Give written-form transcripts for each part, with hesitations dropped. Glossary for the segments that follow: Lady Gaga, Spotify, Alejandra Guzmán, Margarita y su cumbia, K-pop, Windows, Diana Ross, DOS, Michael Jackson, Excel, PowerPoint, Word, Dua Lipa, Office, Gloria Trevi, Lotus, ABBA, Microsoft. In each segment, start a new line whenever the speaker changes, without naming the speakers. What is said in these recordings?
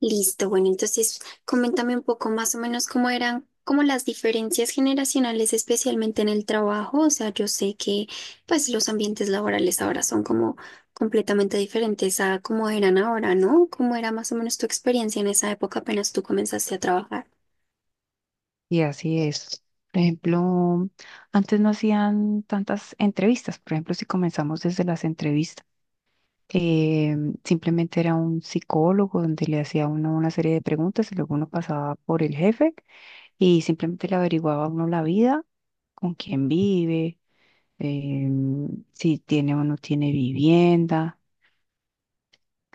Listo, bueno, entonces coméntame un poco más o menos cómo eran como las diferencias generacionales, especialmente en el trabajo. O sea, yo sé que pues los ambientes laborales ahora son como completamente diferentes a cómo eran ahora, ¿no? ¿Cómo era más o menos tu experiencia en esa época apenas tú comenzaste a trabajar?
Y así es. Por ejemplo, antes no hacían tantas entrevistas. Por ejemplo, si comenzamos desde las entrevistas, eh, simplemente era un psicólogo donde le hacía a uno una serie de preguntas y luego uno pasaba por el jefe y simplemente le averiguaba a uno la vida, con quién vive, si tiene o no tiene vivienda.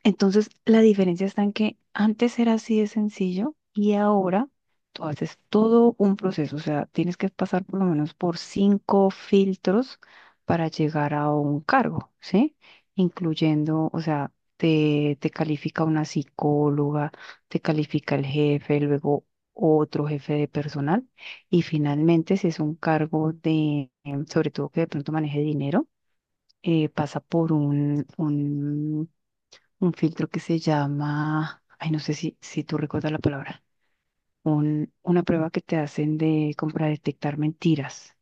Entonces, la diferencia está en que antes era así de sencillo y ahora tú haces todo un proceso, o sea, tienes que pasar por lo menos por cinco filtros para llegar a un cargo, ¿sí? Incluyendo, o sea, te califica una psicóloga, te califica el jefe, luego otro jefe de personal y finalmente si es un cargo de, sobre todo que de pronto maneje dinero, pasa por un un filtro que se llama, ay, no sé si, si tú recuerdas la palabra, un, una prueba que te hacen de como para detectar mentiras.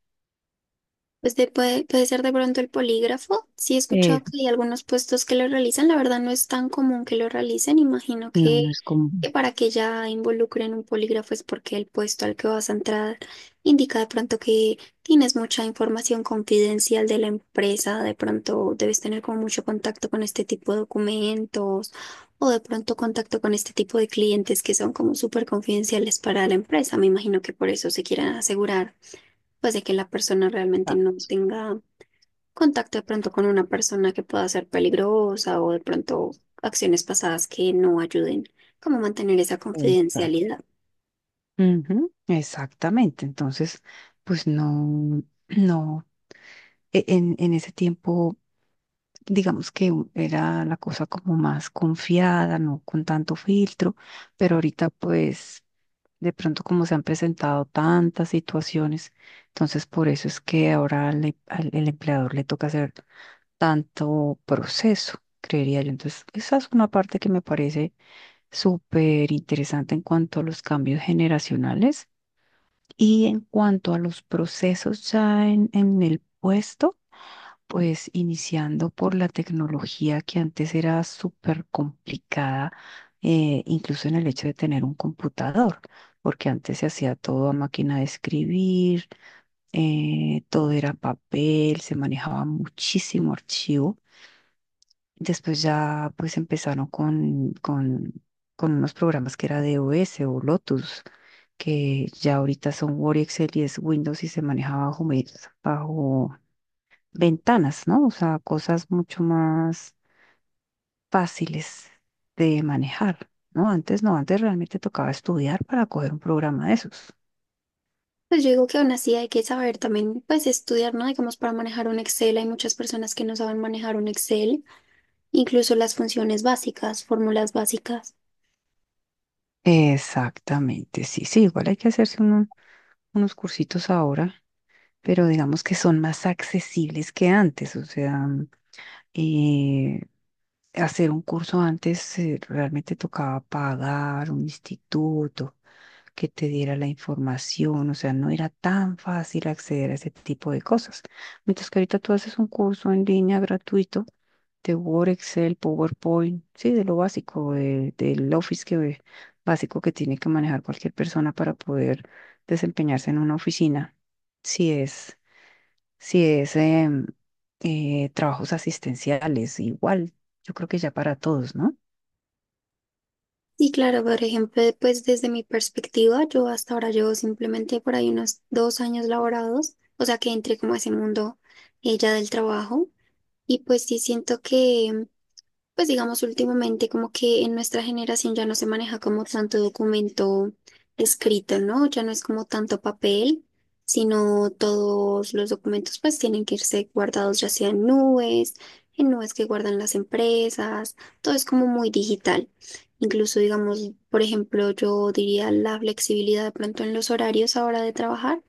Puede ser de pronto el polígrafo. Sí he
Eh,
escuchado que hay algunos puestos que lo realizan. La verdad no es tan común que lo realicen. Imagino
no, no
que,
es como...
que para que ya involucren un polígrafo es porque el puesto al que vas a entrar indica de pronto que tienes mucha información confidencial de la empresa. De pronto debes tener como mucho contacto con este tipo de documentos o de pronto contacto con este tipo de clientes que son como súper confidenciales para la empresa. Me imagino que por eso se quieren asegurar pues de que la persona realmente
Ah,
no tenga contacto de pronto con una persona que pueda ser peligrosa o de pronto acciones pasadas que no ayuden, como mantener esa
esa.
confidencialidad.
Ujú. Exactamente, entonces, pues no, no, en ese tiempo, digamos que era la cosa como más confiada, no con tanto filtro, pero ahorita pues... De pronto, como se han presentado tantas situaciones, entonces por eso es que ahora el empleador le toca hacer tanto proceso, creería yo. Entonces, esa es una parte que me parece súper interesante en cuanto a los cambios generacionales y en cuanto a los procesos ya en el puesto. Pues iniciando por la tecnología que antes era súper complicada, incluso en el hecho de tener un computador, porque antes se hacía todo a máquina de escribir, todo era papel, se manejaba muchísimo archivo. Después ya pues empezaron con unos programas que era DOS o Lotus, que ya ahorita son Word y Excel y es Windows y se manejaba bajo, Microsoft- bajo ventanas, ¿no? O sea, cosas mucho más fáciles de manejar, ¿no? Antes no, antes realmente tocaba estudiar para coger un programa de esos.
Pues yo digo que aún así hay que saber también, pues estudiar, ¿no? Digamos, para manejar un Excel hay muchas personas que no saben manejar un Excel, incluso las funciones básicas, fórmulas básicas.
Exactamente, sí, sí, igual hay que hacerse unos cursitos ahora, pero digamos que son más accesibles que antes, o sea, eh, hacer un curso antes realmente tocaba pagar un instituto, que te diera la información, o sea, no era tan fácil acceder a ese tipo de cosas. Mientras que ahorita tú haces un curso en línea gratuito de Word, Excel, PowerPoint, sí, de lo básico, del Office que, básico que tiene que manejar cualquier persona para poder desempeñarse en una oficina. Si es, si es trabajos asistenciales, igual, yo creo que ya para todos, ¿no?
Y claro, por ejemplo, pues desde mi perspectiva, yo hasta ahora llevo simplemente por ahí unos 2 años laborados, o sea que entré como a ese mundo ella del trabajo y pues sí siento que pues digamos, últimamente como que en nuestra generación ya no se maneja como tanto documento escrito, ¿no? Ya no es como tanto papel, sino todos los documentos pues tienen que irse guardados ya sea en nubes que guardan las empresas, todo es como muy digital. Incluso digamos, por ejemplo, yo diría la flexibilidad de pronto en los horarios ahora de trabajar.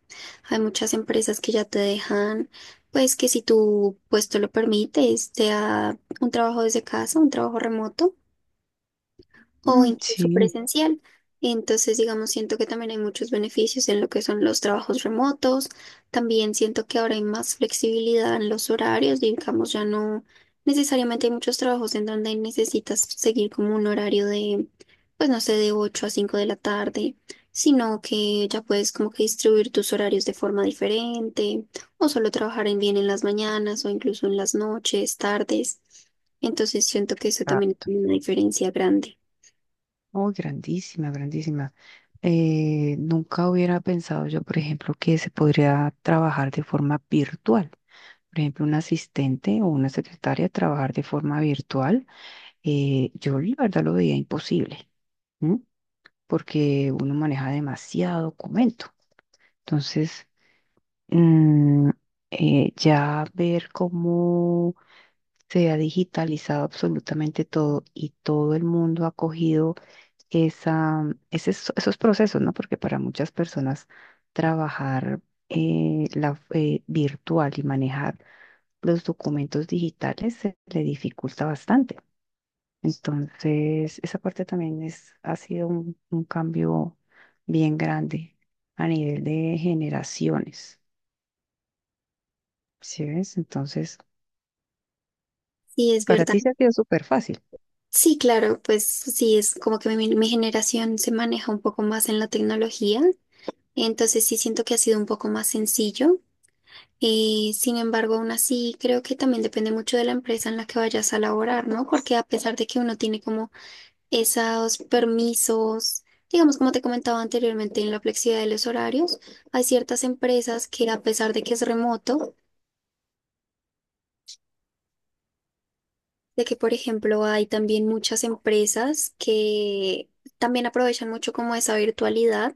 Hay muchas empresas que ya te dejan, pues que si tu puesto lo permite, sea un trabajo desde casa, un trabajo remoto o
Mm.
incluso
Sí.
presencial. Entonces, digamos, siento que también hay muchos beneficios en lo que son los trabajos remotos. También siento que ahora hay más flexibilidad en los horarios. Digamos, ya no necesariamente hay muchos trabajos en donde necesitas seguir como un horario de, pues no sé, de 8 a 5 de la tarde, sino que ya puedes como que distribuir tus horarios de forma diferente o solo trabajar en bien en las mañanas o incluso en las noches, tardes. Entonces, siento que eso también es una diferencia grande.
Oh, grandísima, grandísima. Nunca hubiera pensado yo, por ejemplo, que se podría trabajar de forma virtual. Por ejemplo, un asistente o una secretaria trabajar de forma virtual. Yo la verdad lo veía imposible, ¿m? Porque uno maneja demasiado documento. Entonces, mm, ya ver cómo se ha digitalizado absolutamente todo y todo el mundo ha cogido esa, ese- esos procesos, ¿no? Porque para muchas personas trabajar virtual y manejar los documentos digitales se le dificulta bastante. Entonces, esa parte también es, ha sido un cambio bien grande a nivel de generaciones, ¿sí ves? Entonces,
Sí, es
para
verdad.
ti se ha sido súper fácil.
Sí, claro, pues sí, es como que mi generación se maneja un poco más en la tecnología, entonces sí siento que ha sido un poco más sencillo. Sin embargo, aún así, creo que también depende mucho de la empresa en la que vayas a laborar, ¿no? Porque a pesar de que uno tiene como esos permisos, digamos, como te comentaba anteriormente, en la flexibilidad de los horarios, hay ciertas empresas que a pesar de que es remoto, de que, por ejemplo, hay también muchas empresas que también aprovechan mucho como esa virtualidad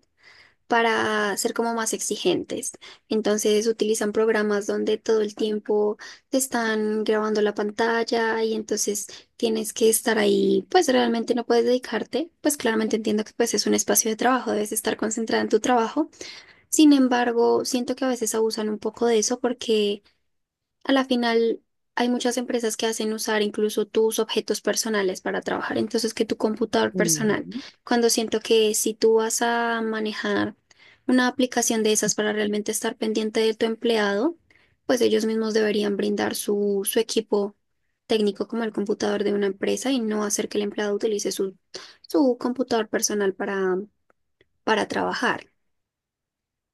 para ser como más exigentes. Entonces utilizan programas donde todo el tiempo te están grabando la pantalla y entonces tienes que estar ahí, pues realmente no puedes dedicarte, pues claramente entiendo que pues es un espacio de trabajo, debes estar concentrada en tu trabajo. Sin embargo, siento que a veces abusan un poco de eso porque a la final, hay muchas empresas que hacen usar incluso tus objetos personales para trabajar, entonces que tu computador personal,
Ujú.
cuando siento que si tú vas a manejar una aplicación de esas para realmente estar pendiente de tu empleado, pues ellos mismos deberían brindar su equipo técnico como el computador de una empresa y no hacer que el empleado utilice su computador personal para trabajar.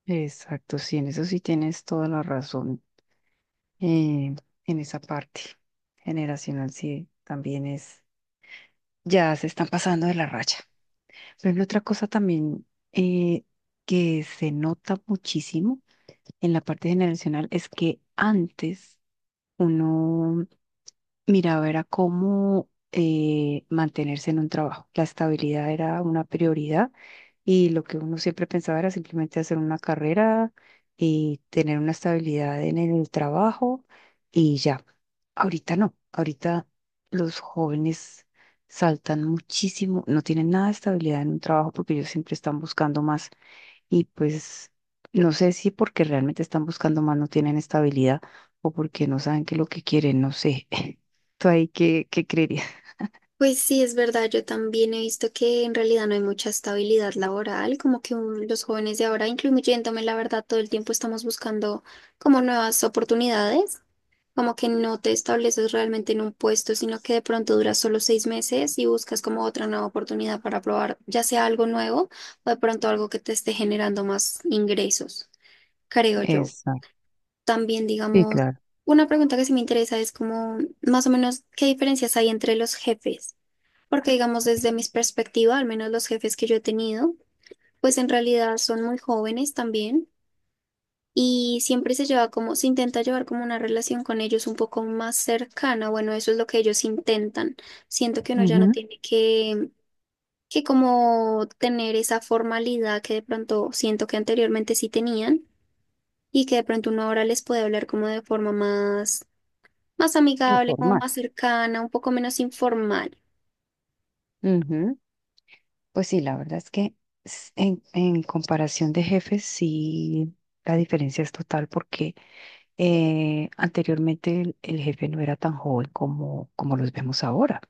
Exacto, sí, en eso sí tienes toda la razón. eh, en esa parte generacional sí también es, ya se están pasando de la raya. Por ejemplo, otra cosa también eh, que se nota muchísimo en la parte generacional es que antes uno miraba era cómo mantenerse en un trabajo. La estabilidad era una prioridad y lo que uno siempre pensaba era simplemente hacer una carrera y tener una estabilidad en el trabajo y ya. Ahorita no, ahorita los jóvenes saltan muchísimo, no tienen nada de estabilidad en un trabajo porque ellos siempre están buscando más y pues no sé si porque realmente están buscando más no tienen estabilidad o porque no saben qué es lo que quieren, no sé. ¿Tú ahí qué creerías?
Pues sí, es verdad, yo también he visto que en realidad no hay mucha estabilidad laboral, como que los jóvenes de ahora, incluyéndome, la verdad, todo el tiempo estamos buscando como nuevas oportunidades, como que no te estableces realmente en un puesto, sino que de pronto duras solo 6 meses y buscas como otra nueva oportunidad para probar, ya sea algo nuevo o de pronto algo que te esté generando más ingresos, creo yo.
Exacto.
También,
Sí,
digamos,
claro.
una pregunta que sí me interesa es como más o menos qué diferencias hay entre los jefes. Porque digamos, desde mis perspectivas, al menos los jefes que yo he tenido, pues en realidad son muy jóvenes también y siempre se lleva como, se intenta llevar como una relación con ellos un poco más cercana. Bueno, eso es lo que ellos intentan. Siento que uno ya no
Ujú.
tiene que como tener esa formalidad que de pronto siento que anteriormente sí tenían y que de pronto uno ahora les puede hablar como de forma más, más amigable, como
Informar.
más cercana, un poco menos informal.
Ujú. Pues sí, la verdad es que en comparación de jefes, sí, la diferencia es total porque anteriormente el jefe no era tan joven como, como los vemos ahora.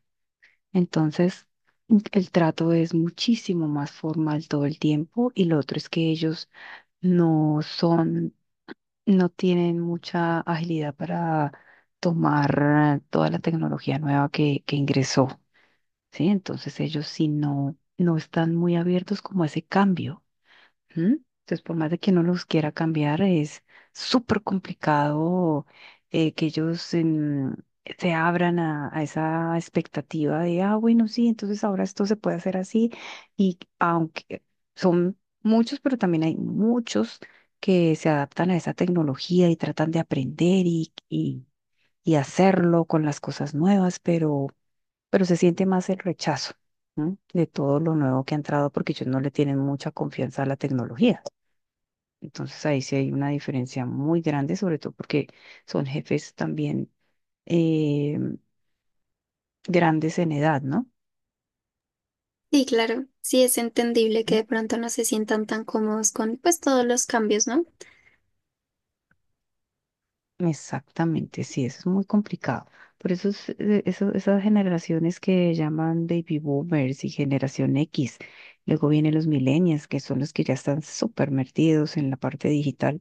Entonces, mm, el trato es muchísimo más formal todo el tiempo y lo otro es que ellos no son, no tienen mucha agilidad para tomar toda la tecnología nueva que ingresó. ¿Sí? Entonces ellos si no, no están muy abiertos como a ese cambio. ¿M? Entonces, por más de que uno los quiera cambiar, es súper complicado que ellos se abran a esa expectativa de, ah, bueno, sí, entonces ahora esto se puede hacer así. Y aunque son muchos, pero también hay muchos que se adaptan a esa tecnología y tratan de aprender y hacerlo con las cosas nuevas, pero se siente más el rechazo, ¿no? De todo lo nuevo que ha entrado porque ellos no le tienen mucha confianza a la tecnología. Entonces ahí sí hay una diferencia muy grande, sobre todo porque son jefes también eh, grandes en edad, ¿no?
Sí, claro, sí es entendible que de pronto no se sientan tan cómodos con pues todos los cambios, ¿no?
Exactamente, sí, eso es muy complicado. Por eso, es, esas generaciones que llaman baby boomers y generación X, luego vienen los millennials, que son los que ya están súper metidos en la parte digital,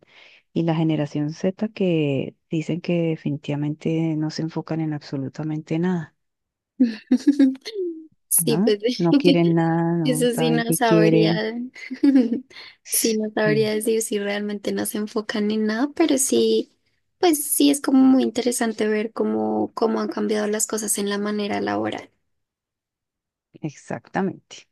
y la generación Z que dicen que definitivamente no se enfocan en absolutamente nada,
Sí,
¿no?
pues
No quieren nada, no
eso sí
saben
no
qué quieren.
sabría, sí no
Sí,
sabría decir si realmente no se enfocan en nada, pero sí, pues sí es como muy interesante ver cómo, cómo han cambiado las cosas en la manera laboral.
exactamente.